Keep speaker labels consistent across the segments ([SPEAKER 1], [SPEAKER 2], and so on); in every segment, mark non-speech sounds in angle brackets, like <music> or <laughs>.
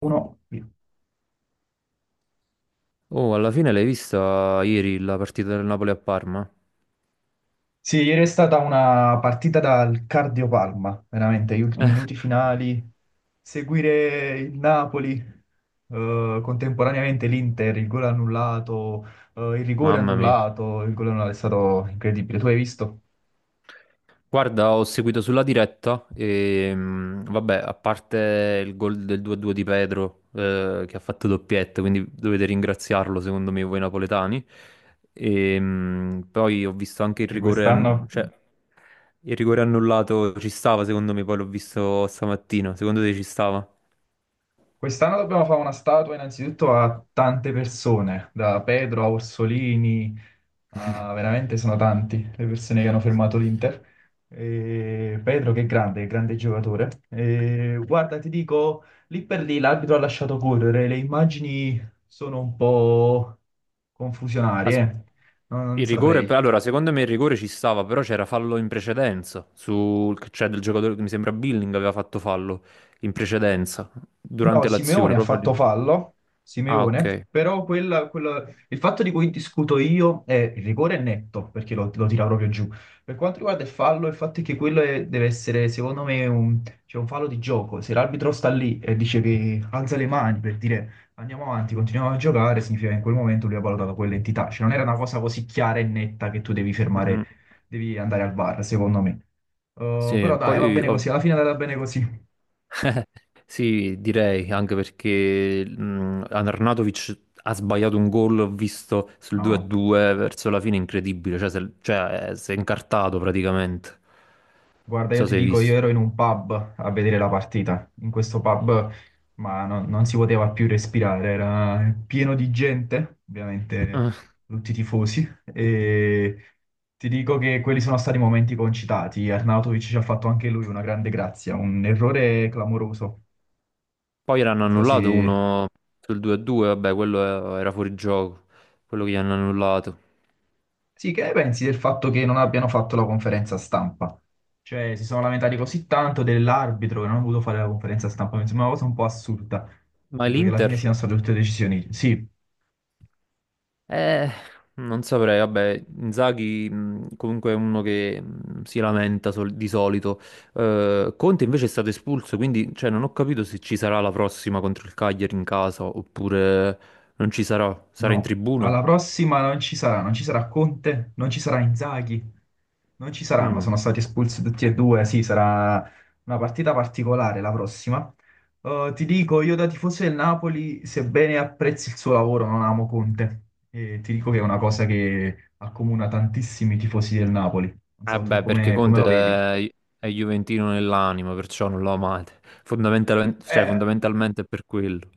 [SPEAKER 1] Uno.
[SPEAKER 2] Oh, alla fine l'hai vista ieri la partita del Napoli a Parma?
[SPEAKER 1] Sì, ieri è stata una partita dal cardiopalma, veramente, gli ultimi
[SPEAKER 2] No.
[SPEAKER 1] minuti finali, seguire il Napoli, contemporaneamente l'Inter, il gol annullato, il rigore
[SPEAKER 2] Mamma mia.
[SPEAKER 1] annullato, il gol annullato è stato incredibile. Tu hai visto?
[SPEAKER 2] Guarda, ho seguito sulla diretta e vabbè, a parte il gol del 2-2 di Pedro che ha fatto doppietta, quindi dovete ringraziarlo secondo me voi napoletani. E, poi ho visto anche il
[SPEAKER 1] E
[SPEAKER 2] rigore,
[SPEAKER 1] quest'anno
[SPEAKER 2] cioè il rigore annullato ci stava secondo me, poi l'ho visto stamattina. Secondo te ci stava?
[SPEAKER 1] quest'anno dobbiamo fare una statua innanzitutto a tante persone, da Pedro a Orsolini. Ah, veramente sono tanti le persone che hanno fermato l'Inter. E Pedro che è grande, grande giocatore. E guarda, ti dico, lì per lì l'arbitro ha lasciato correre, le immagini sono un po' confusionarie,
[SPEAKER 2] As-
[SPEAKER 1] eh. Non
[SPEAKER 2] Il rigore,
[SPEAKER 1] saprei.
[SPEAKER 2] allora, secondo me il rigore ci stava, però c'era fallo in precedenza, cioè del giocatore che mi sembra Billing aveva fatto fallo in precedenza,
[SPEAKER 1] No,
[SPEAKER 2] durante l'azione,
[SPEAKER 1] Simeone ha
[SPEAKER 2] proprio
[SPEAKER 1] fatto
[SPEAKER 2] lì.
[SPEAKER 1] fallo,
[SPEAKER 2] Ah,
[SPEAKER 1] Simeone,
[SPEAKER 2] ok.
[SPEAKER 1] però il fatto di cui discuto io è il rigore è netto, perché lo tira proprio giù. Per quanto riguarda il fallo, il fatto è che deve essere, secondo me, cioè un fallo di gioco. Se l'arbitro sta lì e dice che alza le mani per dire andiamo avanti, continuiamo a giocare, significa che in quel momento lui ha valutato quell'entità. Cioè non era una cosa così chiara e netta che tu devi
[SPEAKER 2] Mhm.
[SPEAKER 1] fermare, devi andare al VAR, secondo me.
[SPEAKER 2] Sì,
[SPEAKER 1] Però dai, va
[SPEAKER 2] poi
[SPEAKER 1] bene così, alla fine è andata bene così.
[SPEAKER 2] <laughs> sì, direi anche perché Arnautovic ha sbagliato un gol, ho visto sul
[SPEAKER 1] No,
[SPEAKER 2] 2-2 verso la fine, incredibile, cioè, se- cioè, si è incartato praticamente, non
[SPEAKER 1] guarda, io
[SPEAKER 2] so
[SPEAKER 1] ti
[SPEAKER 2] se hai
[SPEAKER 1] dico, io
[SPEAKER 2] visto.
[SPEAKER 1] ero in un pub a vedere la partita. In questo pub, non si poteva più respirare, era pieno di gente, ovviamente tutti i tifosi. E ti dico che quelli sono stati momenti concitati. Arnautovic ci ha fatto anche lui una grande grazia, un errore clamoroso.
[SPEAKER 2] Poi ne hanno
[SPEAKER 1] Non so
[SPEAKER 2] annullato
[SPEAKER 1] se
[SPEAKER 2] uno sul 2-2, vabbè, quello era fuori gioco, quello che gli hanno annullato.
[SPEAKER 1] Sì, che ne pensi del fatto che non abbiano fatto la conferenza stampa? Cioè, si sono lamentati così tanto dell'arbitro che non ha voluto fare la conferenza stampa, mi sembra una cosa un po' assurda.
[SPEAKER 2] Ma
[SPEAKER 1] Credo che alla fine
[SPEAKER 2] l'Inter?
[SPEAKER 1] siano state tutte decisioni. Sì,
[SPEAKER 2] Eh, non saprei, vabbè, Inzaghi comunque è uno che si lamenta di solito. Conte invece è stato espulso, quindi cioè, non ho capito se ci sarà la prossima contro il Cagliari in casa oppure non ci sarà, sarà in
[SPEAKER 1] no,
[SPEAKER 2] tribuna.
[SPEAKER 1] alla prossima non ci sarà, non ci sarà Conte, non ci sarà Inzaghi, non ci saranno,
[SPEAKER 2] Mm.
[SPEAKER 1] sono stati espulsi tutti e due, sì, sarà una partita particolare la prossima. Ti dico, io da tifoso del Napoli, sebbene apprezzi il suo lavoro, non amo Conte. E ti dico che è una cosa che accomuna tantissimi tifosi del Napoli. Non
[SPEAKER 2] Eh
[SPEAKER 1] so tu
[SPEAKER 2] beh, perché
[SPEAKER 1] come, come
[SPEAKER 2] Conte
[SPEAKER 1] lo vedi.
[SPEAKER 2] è juventino nell'anima, perciò non lo amate. Cioè,
[SPEAKER 1] Eh,
[SPEAKER 2] fondamentalmente è per quello.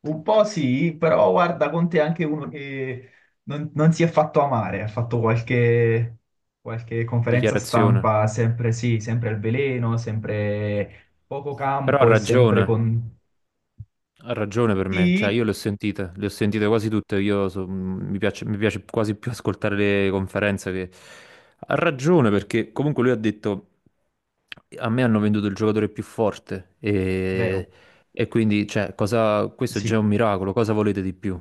[SPEAKER 1] Un po' sì, però guarda, Conte è anche uno che non si è fatto amare, ha fatto qualche, qualche conferenza
[SPEAKER 2] Dichiarazione.
[SPEAKER 1] stampa, sempre sì, sempre al veleno, sempre poco
[SPEAKER 2] Però
[SPEAKER 1] campo e sempre con...
[SPEAKER 2] ha ragione per me, cioè
[SPEAKER 1] Sì,
[SPEAKER 2] io le ho sentite quasi tutte, io mi piace quasi più ascoltare le conferenze che... Ha ragione perché comunque lui ha detto a me hanno venduto il giocatore più forte e,
[SPEAKER 1] vero,
[SPEAKER 2] e quindi cioè, cosa... questo è già
[SPEAKER 1] sì,
[SPEAKER 2] un miracolo, cosa volete di più?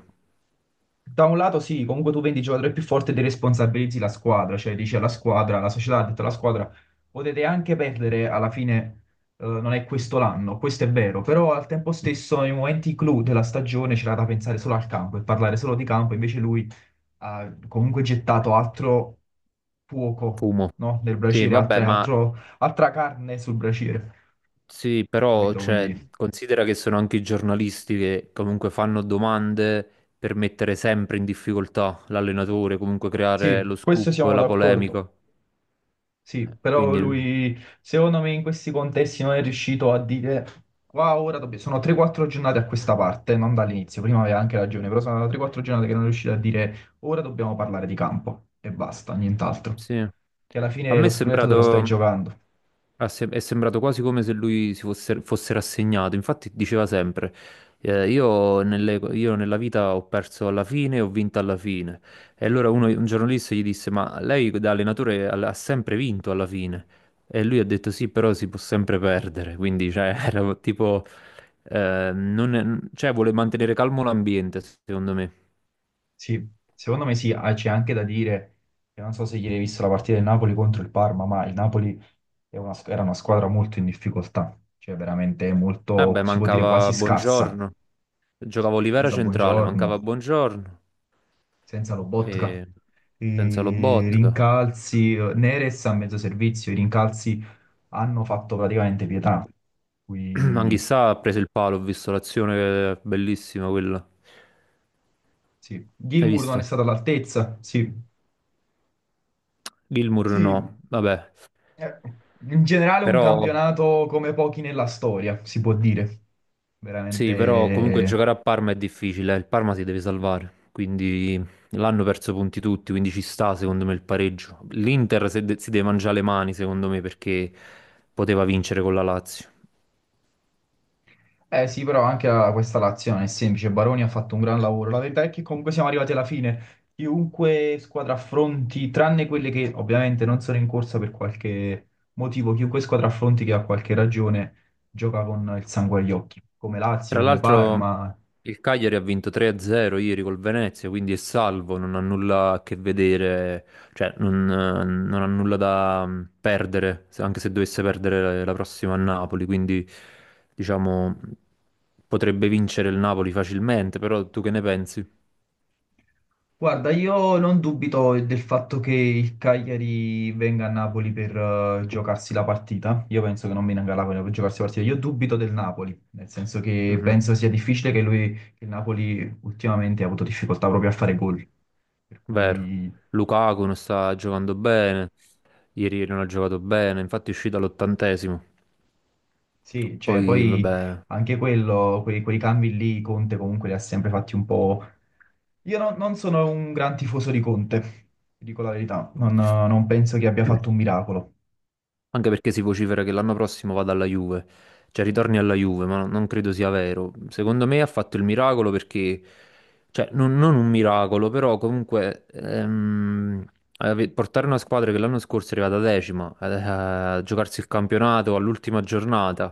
[SPEAKER 1] da un lato sì, comunque tu vendi il giocatore più forte e responsabilizzi la squadra, cioè dici alla squadra, la società ha detto alla squadra, potete anche perdere, alla fine non è questo l'anno, questo è vero, però al tempo stesso nei momenti clou della stagione c'era da pensare solo al campo e parlare solo di campo, invece lui ha comunque gettato altro fuoco,
[SPEAKER 2] Fumo.
[SPEAKER 1] no? Nel
[SPEAKER 2] Sì,
[SPEAKER 1] braciere,
[SPEAKER 2] vabbè, ma
[SPEAKER 1] altra carne sul braciere,
[SPEAKER 2] sì, però
[SPEAKER 1] capito?
[SPEAKER 2] cioè,
[SPEAKER 1] Quindi
[SPEAKER 2] considera che sono anche i giornalisti che comunque fanno domande per mettere sempre in difficoltà l'allenatore, comunque creare
[SPEAKER 1] sì,
[SPEAKER 2] lo
[SPEAKER 1] questo
[SPEAKER 2] scoop,
[SPEAKER 1] siamo
[SPEAKER 2] la
[SPEAKER 1] d'accordo.
[SPEAKER 2] polemica.
[SPEAKER 1] Sì, però
[SPEAKER 2] Quindi.
[SPEAKER 1] lui, secondo me, in questi contesti non è riuscito a dire qua ora sono 3-4 giornate a questa parte, non dall'inizio, prima aveva anche ragione, però sono 3-4 giornate che non è riuscito a dire ora dobbiamo parlare di campo e basta, nient'altro.
[SPEAKER 2] Sì.
[SPEAKER 1] Che alla
[SPEAKER 2] A
[SPEAKER 1] fine
[SPEAKER 2] me è
[SPEAKER 1] lo scudetto te lo stai
[SPEAKER 2] sembrato,
[SPEAKER 1] giocando.
[SPEAKER 2] è sembrato quasi come se lui si fosse rassegnato. Infatti diceva sempre, io, io nella vita ho perso alla fine e ho vinto alla fine. E allora un giornalista gli disse, ma lei da allenatore ha sempre vinto alla fine. E lui ha detto sì, però si può sempre perdere. Quindi cioè, <laughs> era tipo, non è- cioè, vuole mantenere calmo l'ambiente, secondo me.
[SPEAKER 1] Sì, secondo me sì, ah, c'è anche da dire che non so se ieri hai visto la partita del Napoli contro il Parma, ma il Napoli è una era una squadra molto in difficoltà, cioè veramente molto,
[SPEAKER 2] Vabbè,
[SPEAKER 1] si può dire quasi
[SPEAKER 2] mancava
[SPEAKER 1] scarsa.
[SPEAKER 2] buongiorno.
[SPEAKER 1] Sì,
[SPEAKER 2] Giocava Olivera
[SPEAKER 1] senza
[SPEAKER 2] centrale, mancava
[SPEAKER 1] buongiorno,
[SPEAKER 2] Buongiorno
[SPEAKER 1] senza Lobotka.
[SPEAKER 2] e senza
[SPEAKER 1] I
[SPEAKER 2] Lobotka.
[SPEAKER 1] rincalzi, Neres a mezzo servizio, i rincalzi hanno fatto praticamente pietà.
[SPEAKER 2] <clears throat>
[SPEAKER 1] Qui,
[SPEAKER 2] Anch'issa ha preso il palo, ho visto l'azione che è bellissima quella.
[SPEAKER 1] sì.
[SPEAKER 2] Hai
[SPEAKER 1] Gilmour non
[SPEAKER 2] visto?
[SPEAKER 1] è stato all'altezza, sì.
[SPEAKER 2] Gilmour no,
[SPEAKER 1] Sì,
[SPEAKER 2] vabbè.
[SPEAKER 1] eh, in generale un
[SPEAKER 2] Però
[SPEAKER 1] campionato come pochi nella storia, si può dire.
[SPEAKER 2] sì, però comunque
[SPEAKER 1] Veramente
[SPEAKER 2] giocare a Parma è difficile, eh. Il Parma si deve salvare, quindi l'hanno perso punti tutti, quindi ci sta secondo me il pareggio. L'Inter si deve mangiare le mani secondo me perché poteva vincere con la Lazio.
[SPEAKER 1] eh sì, però anche questa l'azione è semplice. Baroni ha fatto un gran lavoro. La verità è che comunque siamo arrivati alla fine. Chiunque squadra affronti, tranne quelle che ovviamente non sono in corsa per qualche motivo, chiunque squadra affronti che ha qualche ragione gioca con il sangue agli occhi, come Lazio,
[SPEAKER 2] Tra
[SPEAKER 1] come
[SPEAKER 2] l'altro
[SPEAKER 1] Parma.
[SPEAKER 2] il Cagliari ha vinto 3-0 ieri col Venezia, quindi è salvo, non ha nulla a che vedere, cioè non ha nulla da perdere, anche se dovesse perdere la prossima a Napoli, quindi diciamo potrebbe vincere il Napoli facilmente, però tu che ne pensi?
[SPEAKER 1] Guarda, io non dubito del fatto che il Cagliari venga a Napoli per giocarsi la partita. Io penso che non venga a Napoli per giocarsi la partita. Io dubito del Napoli, nel senso che
[SPEAKER 2] Mhm.
[SPEAKER 1] penso sia difficile che lui, che il Napoli ultimamente ha avuto difficoltà proprio a fare gol. Per
[SPEAKER 2] Vero.
[SPEAKER 1] cui
[SPEAKER 2] Lukaku non sta giocando bene, ieri non ha giocato bene, infatti è uscito all'ottantesimo,
[SPEAKER 1] sì, cioè
[SPEAKER 2] poi
[SPEAKER 1] poi
[SPEAKER 2] vabbè...
[SPEAKER 1] anche quello, quei, quei cambi lì, Conte comunque li ha sempre fatti un po'. Io non sono un gran tifoso di Conte, ti dico la verità. Non penso che abbia fatto un miracolo.
[SPEAKER 2] Anche perché si vocifera che l'anno prossimo vada alla Juve, cioè ritorni alla Juve, ma non credo sia vero. Secondo me ha fatto il miracolo perché, cioè non un miracolo, però comunque portare una squadra che l'anno scorso è arrivata decima, a giocarsi il campionato all'ultima giornata,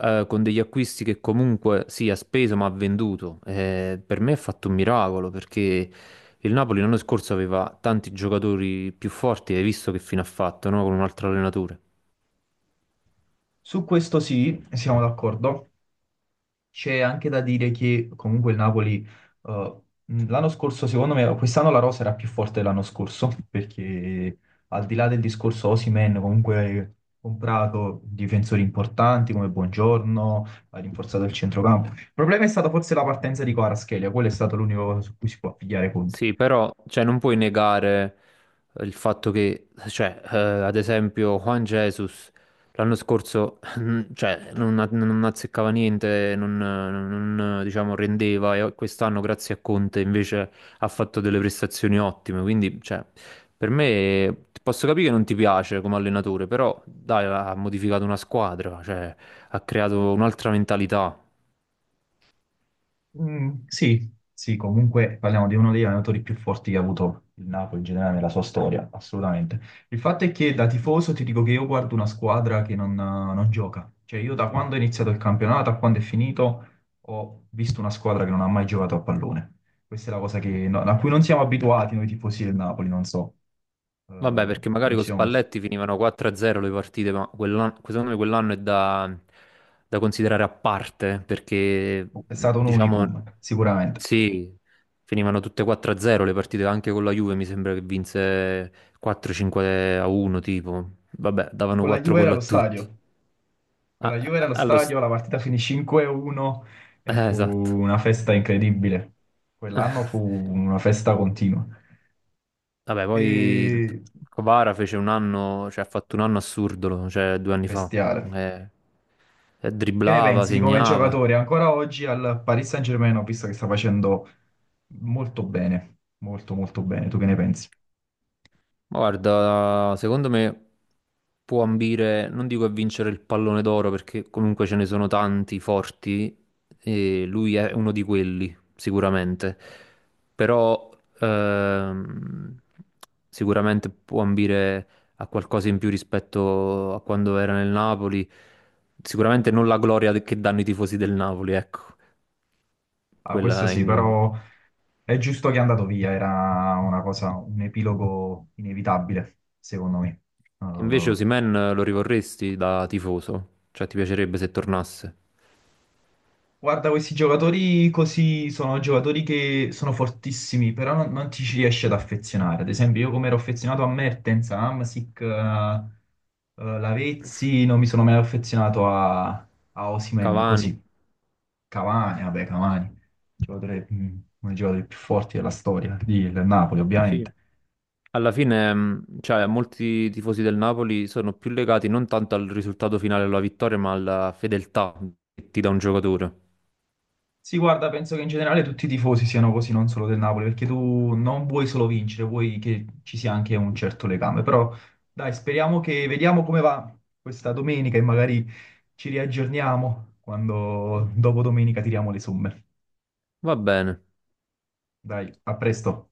[SPEAKER 2] con degli acquisti che comunque sì, ha speso ma ha venduto, per me ha fatto un miracolo perché... Il Napoli l'anno scorso aveva tanti giocatori più forti, hai visto che fine ha fatto, no? Con un altro allenatore.
[SPEAKER 1] Su questo sì, siamo d'accordo. C'è anche da dire che comunque il Napoli eh, l'anno scorso, secondo me, quest'anno la rosa era più forte dell'anno scorso, <laughs> perché al di là del discorso Osimhen, comunque hai comprato difensori importanti come Buongiorno, ha rinforzato il centrocampo. Il problema è stata forse la partenza di Kvaratskhelia, quello è stato l'unico su cui si può pigliare.
[SPEAKER 2] Sì, però cioè, non puoi negare il fatto che, cioè, ad esempio, Juan Jesus l'anno scorso <laughs> cioè, non azzeccava niente, non, diciamo, rendeva e quest'anno, grazie a Conte, invece ha fatto delle prestazioni ottime. Quindi, cioè, per me posso capire che non ti piace come allenatore, però dai, ha modificato una squadra, cioè, ha creato un'altra mentalità.
[SPEAKER 1] Mm, sì, sì, comunque parliamo di uno degli allenatori più forti che ha avuto il Napoli in generale nella sua storia, assolutamente. Il fatto è che da tifoso ti dico che io guardo una squadra che non gioca. Cioè io da quando è iniziato il campionato a quando è finito ho visto una squadra che non ha mai giocato a pallone. Questa è la cosa a cui non siamo abituati noi tifosi del Napoli, non so. Eh,
[SPEAKER 2] Vabbè, perché magari
[SPEAKER 1] non ci
[SPEAKER 2] con
[SPEAKER 1] siamo mai.
[SPEAKER 2] Spalletti finivano 4-0 le partite, ma quell'anno, secondo me quell'anno è da considerare a parte, perché
[SPEAKER 1] È stato un
[SPEAKER 2] diciamo
[SPEAKER 1] unicum, sicuramente.
[SPEAKER 2] sì, finivano tutte 4-0 le partite, anche con la Juve mi sembra che vinse 4-5-1 tipo, vabbè, davano
[SPEAKER 1] Con la
[SPEAKER 2] 4
[SPEAKER 1] Juve era
[SPEAKER 2] gol a
[SPEAKER 1] allo
[SPEAKER 2] tutti.
[SPEAKER 1] stadio.
[SPEAKER 2] A-
[SPEAKER 1] Con la Juve
[SPEAKER 2] a-
[SPEAKER 1] nello
[SPEAKER 2] allo st-
[SPEAKER 1] stadio la partita finì 5-1 e fu
[SPEAKER 2] esatto.
[SPEAKER 1] una festa incredibile. Quell'anno
[SPEAKER 2] <laughs>
[SPEAKER 1] fu una festa continua.
[SPEAKER 2] Vabbè, poi
[SPEAKER 1] E...
[SPEAKER 2] Kvara fece un anno, cioè ha fatto un anno assurdo, cioè 2 anni fa.
[SPEAKER 1] bestiale.
[SPEAKER 2] Eh,
[SPEAKER 1] Che ne
[SPEAKER 2] dribblava,
[SPEAKER 1] pensi di come
[SPEAKER 2] segnava.
[SPEAKER 1] giocatore ancora oggi al Paris Saint-Germain, ho visto che sta facendo molto bene, molto molto bene. Tu che ne pensi?
[SPEAKER 2] Ma guarda, secondo me può ambire, non dico a vincere il pallone d'oro perché comunque ce ne sono tanti forti e lui è uno di quelli, sicuramente. Però ehm, sicuramente può ambire a qualcosa in più rispetto a quando era nel Napoli. Sicuramente non la gloria che danno i tifosi del Napoli, ecco.
[SPEAKER 1] Ah, questo
[SPEAKER 2] Quella è.
[SPEAKER 1] sì, però è giusto che è andato via, era una cosa, un epilogo inevitabile, secondo me. Eh,
[SPEAKER 2] Invece Osimhen lo rivorresti da tifoso? Cioè ti piacerebbe se tornasse?
[SPEAKER 1] Guarda, questi giocatori così sono giocatori che sono fortissimi, però non ti ci riesci ad affezionare. Ad esempio, io come ero affezionato a Mertens, a Hamsik, a, Lavezzi, non mi sono mai affezionato a, a Osimhen,
[SPEAKER 2] Cavani,
[SPEAKER 1] così. Cavani, vabbè, Cavani, giocatore, uno dei giocatori più forti della storia, del Napoli,
[SPEAKER 2] sì.
[SPEAKER 1] ovviamente.
[SPEAKER 2] Alla fine, cioè, molti tifosi del Napoli sono più legati non tanto al risultato finale, alla vittoria, ma alla fedeltà che ti dà un giocatore.
[SPEAKER 1] Sì, guarda, penso che in generale tutti i tifosi siano così, non solo del Napoli, perché tu non vuoi solo vincere, vuoi che ci sia anche un certo legame. Però dai, speriamo che vediamo come va questa domenica e magari ci riaggiorniamo quando dopo domenica tiriamo le somme.
[SPEAKER 2] Va bene.
[SPEAKER 1] Dai, a presto.